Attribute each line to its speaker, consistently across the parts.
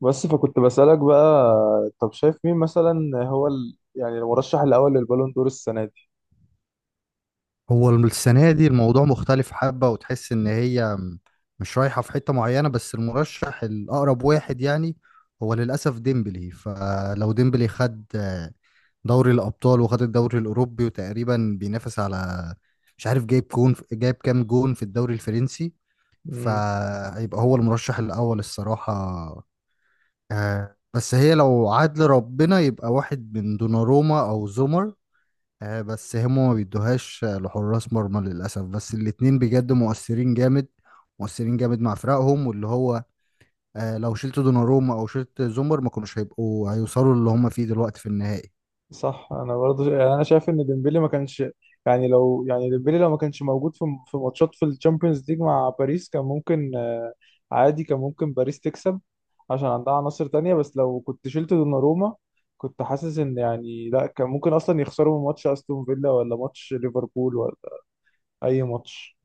Speaker 1: بس فكنت بسألك بقى. طب شايف مين مثلا؟ هو يعني المرشح الأول للبالون دور السنة دي؟
Speaker 2: هو السنة دي الموضوع مختلف حبة وتحس إن هي مش رايحة في حتة معينة، بس المرشح الأقرب واحد يعني هو للأسف ديمبلي. فلو ديمبلي خد دوري الأبطال وخد الدوري الأوروبي وتقريبا بينافس على مش عارف جايب جون جايب كام جون في الدوري الفرنسي،
Speaker 1: امم.
Speaker 2: فهيبقى هو المرشح الأول الصراحة. بس هي لو عدل ربنا يبقى واحد من دوناروما أو زومر. بس هما ما بيدوهاش لحراس مرمى للأسف، بس الاتنين بجد مؤثرين جامد مؤثرين جامد مع فرقهم، واللي هو لو شلت دوناروما أو شلت زومر ما كانوش هيبقوا هيوصلوا اللي هما فيه دلوقتي في النهائي.
Speaker 1: صح، أنا برضه يعني أنا شايف إن ديمبلي ما كانش يعني، لو يعني ديمبلي لو ما كانش موجود في ماتشات في الشامبيونز ليج مع باريس كان ممكن آه، عادي، كان ممكن باريس تكسب عشان عندها عناصر تانية. بس لو كنت شلت دوناروما كنت حاسس إن يعني لا، كان ممكن أصلا يخسروا من ماتش أستون فيلا ولا ماتش ليفربول ولا أي ماتش.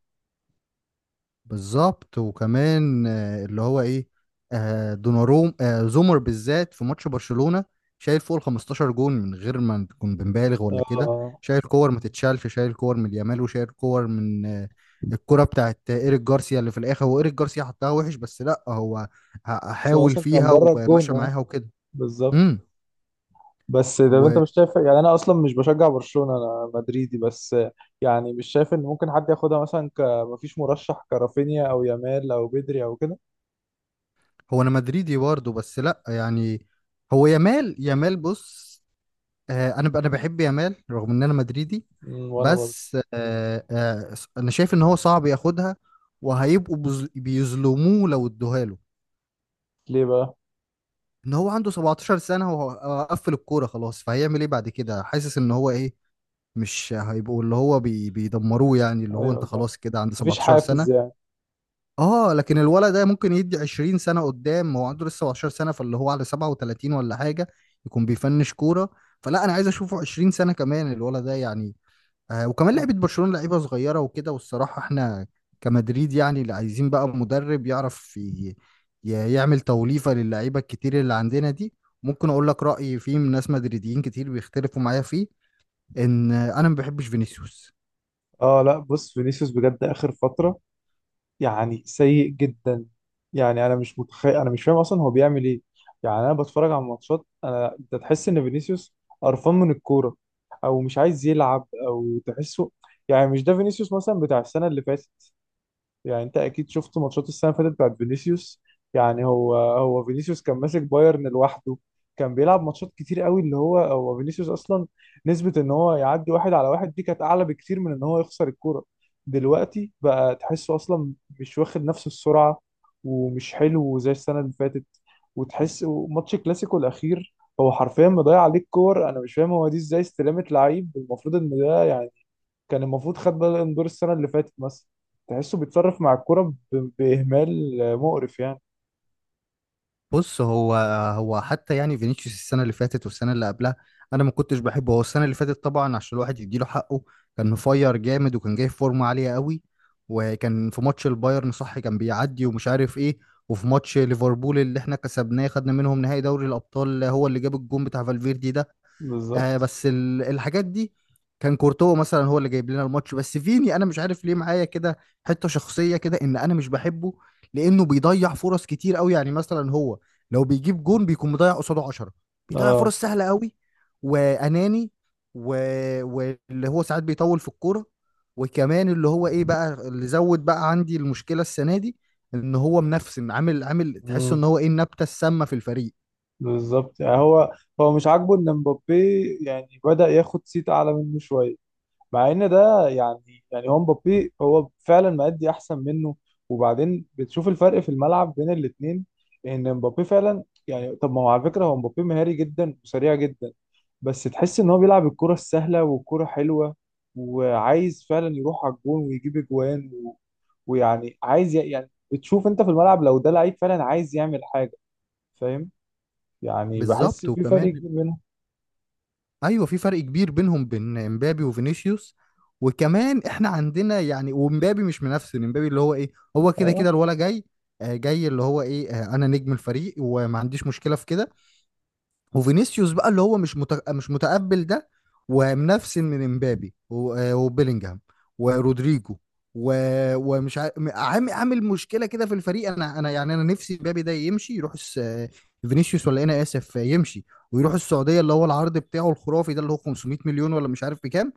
Speaker 2: بالظبط، وكمان اللي هو ايه دوناروم زومر بالذات في ماتش برشلونة شايل فوق ال 15 جون من غير ما نكون بنبالغ ولا كده.
Speaker 1: آه
Speaker 2: شايل كور ما تتشالش، شايل كور من يامال وشايل كور من الكرة بتاعت ايريك جارسيا اللي في الاخر هو ايريك جارسيا حطها وحش، بس لا هو
Speaker 1: بس هو
Speaker 2: حاول
Speaker 1: أصلا كان
Speaker 2: فيها
Speaker 1: بره الجون
Speaker 2: ومشى
Speaker 1: أه.
Speaker 2: معاها وكده.
Speaker 1: بالظبط.
Speaker 2: امم
Speaker 1: بس ده انت
Speaker 2: وهو
Speaker 1: مش شايف، يعني انا اصلا مش بشجع برشلونة، انا مدريدي، بس يعني مش شايف ان ممكن حد ياخدها مثلا ك مفيش مرشح كرافينيا او يامال او بدري او كده؟
Speaker 2: انا مدريدي برضه بس لا يعني، هو يامال يامال بص، انا بحب يامال رغم ان انا مدريدي.
Speaker 1: مم، وانا برضه.
Speaker 2: بس انا شايف ان هو صعب ياخدها وهيبقوا بيظلموه لو ادوها له.
Speaker 1: ليه بقى؟
Speaker 2: ان هو عنده 17 سنة وهو قفل الكورة خلاص، فهيعمل ايه بعد كده؟ حاسس ان هو ايه، مش هيبقوا اللي هو بيدمروه يعني، اللي هو
Speaker 1: ايوه
Speaker 2: انت
Speaker 1: صح،
Speaker 2: خلاص كده عند
Speaker 1: مفيش
Speaker 2: 17 سنة.
Speaker 1: حافز يعني.
Speaker 2: اه، لكن الولد ده ممكن يدي 20 سنة قدام، هو عنده لسه 17 سنة فاللي هو على 37 ولا حاجة يكون بيفنش كورة. فلا، انا عايز اشوفه 20 سنة كمان الولد ده يعني. وكمان
Speaker 1: صح.
Speaker 2: لعيبه برشلونه لعيبه صغيره وكده، والصراحه احنا كمدريد يعني اللي عايزين بقى مدرب يعرف يعمل توليفه للعيبه الكتير اللي عندنا دي. ممكن اقول لك رايي فيه، من ناس مدريديين كتير بيختلفوا معايا فيه، ان انا ما بحبش فينيسيوس.
Speaker 1: اه لا بص، فينيسيوس بجد اخر فترة يعني سيء جدا، يعني انا مش متخيل، انا مش فاهم اصلا هو بيعمل ايه. يعني انا بتفرج على الماتشات، انا انت تحس ان فينيسيوس قرفان من الكوره او مش عايز يلعب او تحسه، يعني مش ده فينيسيوس مثلا بتاع السنه اللي فاتت. يعني انت اكيد شفت ماتشات السنه اللي فاتت بتاعت فينيسيوس، يعني هو فينيسيوس كان ماسك بايرن لوحده، كان بيلعب ماتشات كتير قوي، اللي هو هو فينيسيوس اصلا نسبه ان هو يعدي واحد على واحد دي كانت اعلى بكتير من ان هو يخسر الكوره. دلوقتي بقى تحسه اصلا مش واخد نفس السرعه ومش حلو زي السنه اللي فاتت وتحس ماتش كلاسيكو الاخير هو حرفيا مضيع عليك كور. انا مش فاهم، هو دي ازاي استلامت لعيب المفروض ان ده يعني كان المفروض خد بالون دور السنة اللي فاتت مثلا. تحسه بيتصرف مع الكرة بإهمال مقرف يعني.
Speaker 2: بص، هو حتى يعني فينيسيوس السنة اللي فاتت والسنة اللي قبلها أنا ما كنتش بحبه. هو السنة اللي فاتت طبعا، عشان الواحد يديله حقه، كان مفير جامد وكان جاي في فورمة عالية قوي، وكان في ماتش البايرن صح كان بيعدي ومش عارف إيه، وفي ماتش ليفربول اللي إحنا كسبناه خدنا منهم نهائي دوري الأبطال هو اللي جاب الجون بتاع فالفيردي ده.
Speaker 1: بالظبط.
Speaker 2: بس الحاجات دي، كان كورتوا مثلا هو اللي جايب لنا الماتش. بس فيني انا مش عارف ليه معايا كده، حته شخصيه كده، ان انا مش بحبه. لانه بيضيع فرص كتير قوي، يعني مثلا هو لو بيجيب جون بيكون مضيع قصاده 10، بيضيع
Speaker 1: اه.
Speaker 2: فرص سهله قوي، واناني، و... واللي هو ساعات بيطول في الكوره. وكمان اللي هو ايه بقى، اللي زود بقى عندي المشكله السنه دي، ان هو منفسن عامل عامل تحس
Speaker 1: مم.
Speaker 2: ان هو ايه النبته السامه في الفريق.
Speaker 1: بالظبط، يعني هو هو مش عاجبه ان مبابي يعني بدأ ياخد صيت اعلى منه شوية، مع ان ده يعني هو مبابي هو فعلا مأدي احسن منه. وبعدين بتشوف الفرق في الملعب بين الاتنين، ان مبابي فعلا يعني طب ما هو على فكرة هو مبابي مهاري جدا وسريع جدا بس تحس ان هو بيلعب الكرة السهلة والكرة حلوة، وعايز فعلا يروح على الجون ويجيب اجوان ويعني عايز يعني بتشوف انت في الملعب لو ده لعيب فعلا عايز يعمل حاجة، فاهم؟ يعني بحس
Speaker 2: بالظبط،
Speaker 1: في فرق
Speaker 2: وكمان
Speaker 1: كبير بينهم.
Speaker 2: ايوه في فرق كبير بينهم بين امبابي وفينيسيوس. وكمان احنا عندنا يعني، ومبابي مش منافسين، امبابي اللي هو ايه هو كده
Speaker 1: اه.
Speaker 2: كده الولا جاي، جاي اللي هو ايه انا نجم الفريق وما عنديش مشكله في كده. وفينيسيوس بقى اللي هو مش متقبل ده، ومنفسن من امبابي وبيلينجهام ورودريجو، و... ومش عامل عامل مشكله كده في الفريق. انا يعني انا نفسي امبابي ده يمشي يروح الس... آه، فينيسيوس ولا إيه؟ انا اسف، يمشي ويروح السعوديه اللي هو العرض بتاعه الخرافي ده اللي هو 500 مليون ولا مش عارف بكام،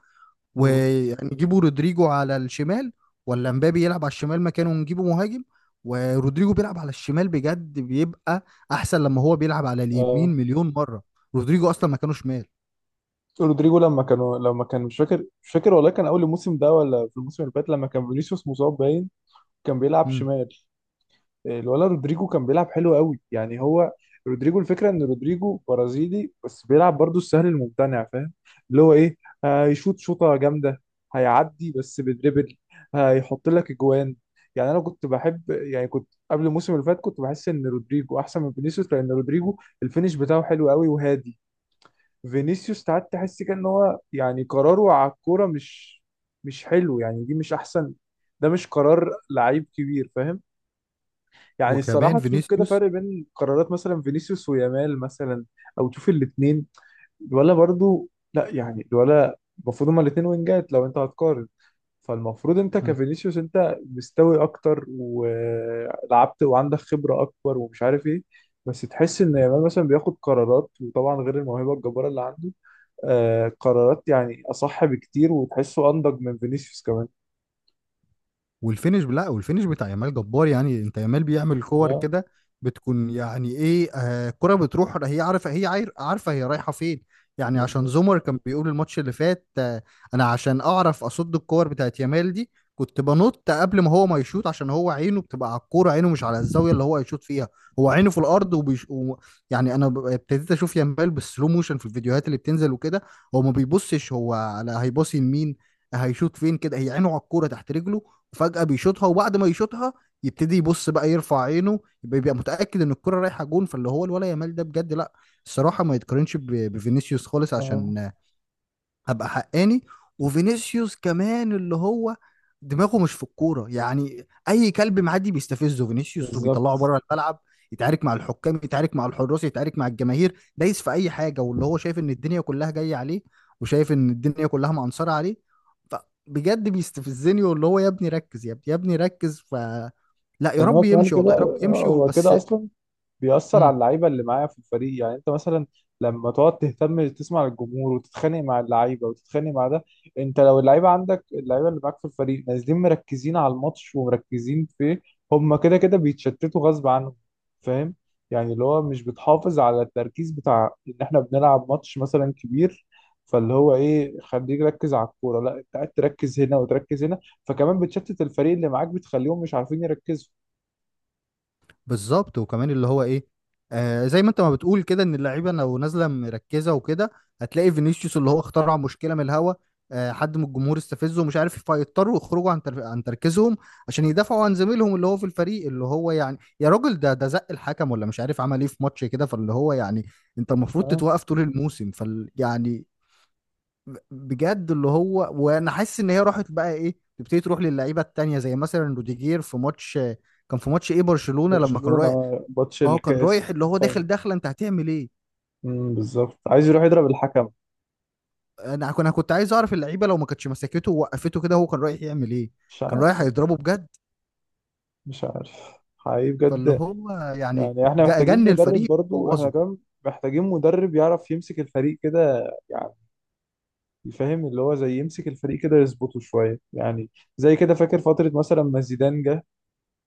Speaker 1: امم.
Speaker 2: ويعني نجيبوا رودريجو على الشمال، ولا مبابي يلعب على الشمال مكانه ونجيبه مهاجم، ورودريجو بيلعب على الشمال بجد بيبقى احسن لما هو بيلعب على اليمين
Speaker 1: اه.
Speaker 2: مليون مرة. رودريجو اصلا مكانه شمال.
Speaker 1: رودريجو لما كان مش فاكر والله كان اول الموسم ده ولا في الموسم اللي فات لما كان فينيسيوس مصاب باين كان بيلعب
Speaker 2: مم.
Speaker 1: شمال، الولا رودريجو كان بيلعب حلو قوي. يعني هو رودريجو الفكره ان رودريجو برازيلي بس بيلعب برضو السهل الممتنع، فاهم؟ اللي هو ايه، هيشوط شوطه جامده، هيعدي بس بدريبل، هيحط لك اجوان. يعني انا كنت بحب، يعني كنت قبل الموسم اللي فات كنت بحس ان رودريجو احسن من فينيسيوس لان رودريجو الفينش بتاعه حلو قوي وهادي. فينيسيوس ساعات تحس كده ان هو يعني قراره على الكوره مش حلو، يعني دي مش احسن، ده مش قرار لعيب كبير، فاهم؟ يعني
Speaker 2: وكمان
Speaker 1: الصراحة تشوف كده
Speaker 2: فينيسيوس،
Speaker 1: فرق بين قرارات مثلا فينيسيوس ويامال مثلا. أو تشوف الاتنين الولا برضو، لا يعني الولا المفروض هما الاتنين وينجات لو أنت هتقارن. فالمفروض أنت كفينيسيوس أنت مستوي أكتر ولعبت وعندك خبرة أكبر ومش عارف إيه، بس تحس إن يامال مثلا بياخد قرارات، وطبعا غير الموهبة الجبارة اللي عنده آه، قرارات يعني أصح بكتير وتحسه أنضج من فينيسيوس كمان.
Speaker 2: والفينش لا والفينش بتاع يامال جبار يعني. انت يامال بيعمل كور
Speaker 1: اه
Speaker 2: كده بتكون يعني ايه، كرة بتروح هي عارفه هي عارفه هي رايحه فين. يعني عشان
Speaker 1: بالظبط.
Speaker 2: زومر كان بيقول الماتش اللي فات انا عشان اعرف اصد الكور بتاعت يامال دي كنت بنط قبل ما هو ما يشوط، عشان هو عينه بتبقى على الكوره، عينه مش على الزاويه اللي هو هيشوط فيها. هو عينه في الارض وبيش يعني انا ابتديت اشوف يامال بالسلو موشن في الفيديوهات اللي بتنزل وكده. هو ما بيبصش هو على هيباصي لمين، هيشوط فين كده، هي عينه على الكوره تحت رجله، وفجأة بيشوطها، وبعد ما يشوطها يبتدي يبص بقى، يرفع عينه، بيبقى متأكد ان الكرة رايحة جون. فاللي هو الولا يامال ده بجد، لا، الصراحة ما يتقارنش بفينيسيوس خالص،
Speaker 1: آه
Speaker 2: عشان هبقى حقاني. وفينيسيوس كمان اللي هو دماغه مش في الكوره يعني، اي كلب معدي بيستفزه فينيسيوس وبيطلعه
Speaker 1: بالظبط.
Speaker 2: بره الملعب. يتعارك مع الحكام، يتعارك مع الحراس، يتعارك مع الجماهير، دايس في اي حاجه، واللي هو شايف ان الدنيا كلها جايه عليه، وشايف ان الدنيا كلها معنصره عليه. فبجد بيستفزني، واللي هو يا ابني ركز، يا ابني يا ابني ركز، لا يا
Speaker 1: ان هو
Speaker 2: رب
Speaker 1: كمان
Speaker 2: يمشي،
Speaker 1: كده
Speaker 2: والله يا رب
Speaker 1: آه،
Speaker 2: يمشي
Speaker 1: هو
Speaker 2: بس.
Speaker 1: كده اصلا بيأثر على اللعيبة اللي معايا في الفريق، يعني انت مثلا لما تقعد تهتم تسمع للجمهور وتتخانق مع اللعيبة وتتخانق مع ده، انت لو اللعيبة عندك اللعيبة اللي معاك في الفريق نازلين مركزين على الماتش ومركزين فيه، هم كده كده بيتشتتوا غصب عنهم، فاهم؟ يعني اللي هو مش بتحافظ على التركيز بتاع ان احنا بنلعب ماتش مثلا كبير. فاللي هو ايه، خليك ركز على الكورة، لا انت قاعد تركز هنا وتركز هنا، فكمان بتشتت الفريق اللي معاك، بتخليهم مش عارفين يركزوا.
Speaker 2: بالظبط، وكمان اللي هو ايه، زي ما انت ما بتقول كده، ان اللعيبه لو نازله مركزه وكده هتلاقي فينيسيوس اللي هو اخترع مشكله من الهوا، حد من الجمهور استفزه ومش عارف، فيضطروا يخرجوا عن عن تركيزهم عشان يدافعوا عن زميلهم اللي هو في الفريق، اللي هو يعني يا راجل ده زق الحكم ولا مش عارف عمل ايه في ماتش كده. فاللي هو يعني انت المفروض تتوقف طول الموسم، يعني بجد اللي هو، وانا حاسس ان هي راحت بقى ايه، تبتدي تروح للعيبه التانيه زي مثلا روديجير في ماتش. كان في ماتش ايه، برشلونه، لما كان
Speaker 1: برشلونة.
Speaker 2: رايح،
Speaker 1: ماتش
Speaker 2: اه كان رايح
Speaker 1: الكاس
Speaker 2: اللي هو
Speaker 1: الفاينل.
Speaker 2: داخل داخله، انت هتعمل ايه؟
Speaker 1: امم، بالظبط، عايز يروح يضرب الحكم.
Speaker 2: انا كنت عايز اعرف اللعيبه لو ما كانتش مسكته ووقفته كده هو كان رايح يعمل ايه،
Speaker 1: مش
Speaker 2: كان رايح
Speaker 1: عارف.
Speaker 2: هيضربه بجد.
Speaker 1: مش عارف حقيقي
Speaker 2: فاللي
Speaker 1: بجد.
Speaker 2: هو يعني
Speaker 1: يعني احنا محتاجين
Speaker 2: جن
Speaker 1: مدرب
Speaker 2: الفريق
Speaker 1: برضو احنا
Speaker 2: بوظه.
Speaker 1: كمان، محتاجين مدرب يعرف يمسك الفريق كده يعني، يفهم اللي هو زي يمسك الفريق كده يظبطه شوية يعني. زي كده فاكر فترة مثلا ما زيدان جه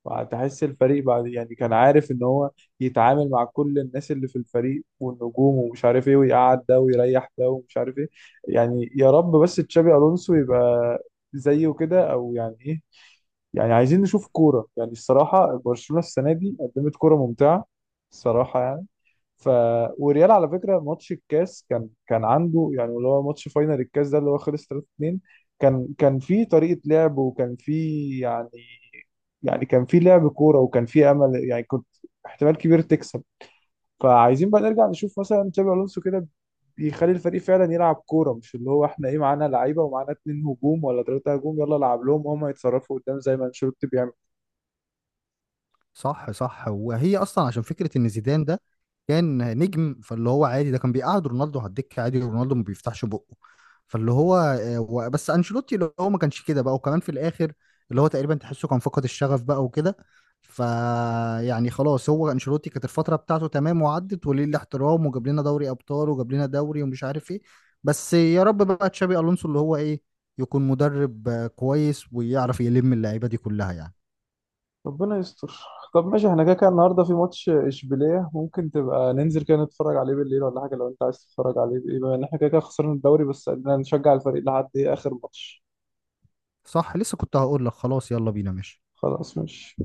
Speaker 1: وهتحس الفريق بعد، يعني كان عارف ان هو يتعامل مع كل الناس اللي في الفريق والنجوم ومش عارف ايه، ويقعد ده ويريح ده ومش عارف ايه. يعني يا رب بس تشابي الونسو يبقى زيه كده او يعني ايه، يعني عايزين نشوف كورة، يعني الصراحة برشلونة السنة دي قدمت كورة ممتعة، الصراحة يعني. ف وريال على فكره ماتش الكاس كان عنده يعني اللي هو ماتش فاينل الكاس ده اللي هو خلص 3-2، كان في طريقه لعب وكان في يعني، يعني كان في لعب كوره وكان في امل، يعني كنت احتمال كبير تكسب. فعايزين بقى نرجع نشوف مثلا تشابي الونسو كده بيخلي الفريق فعلا يلعب كوره، مش اللي هو احنا ايه معانا لعيبه ومعانا اتنين هجوم ولا تلاته هجوم يلا العب لهم وهم يتصرفوا قدام زي ما انشيلوتي بيعمل.
Speaker 2: صح صح، وهي اصلا عشان فكره ان زيدان ده كان نجم، فاللي هو عادي ده كان بيقعد رونالدو على الدكه عادي ورونالدو ما بيفتحش بقه. فاللي هو بس انشيلوتي اللي هو ما كانش كده بقى، وكمان في الاخر اللي هو تقريبا تحسه كان فقد الشغف بقى وكده. ف يعني خلاص، هو انشيلوتي كانت الفتره بتاعته تمام وعدت، وليه الاحترام، وجاب لنا دوري ابطال وجاب لنا دوري ومش عارف ايه. بس يا رب بقى تشابي الونسو اللي هو ايه يكون مدرب كويس ويعرف يلم اللعيبه دي كلها يعني.
Speaker 1: ربنا يستر. طب ماشي، احنا كده كده النهارده في ماتش اشبيليه، ممكن تبقى ننزل كده نتفرج عليه بالليل ولا حاجه لو انت عايز تتفرج عليه، بما ان احنا كده كده خسرنا الدوري بس قلنا نشجع الفريق لحد ايه اخر ماتش.
Speaker 2: صح، لسه كنت هقول لك خلاص يلا بينا. ماشي.
Speaker 1: خلاص ماشي.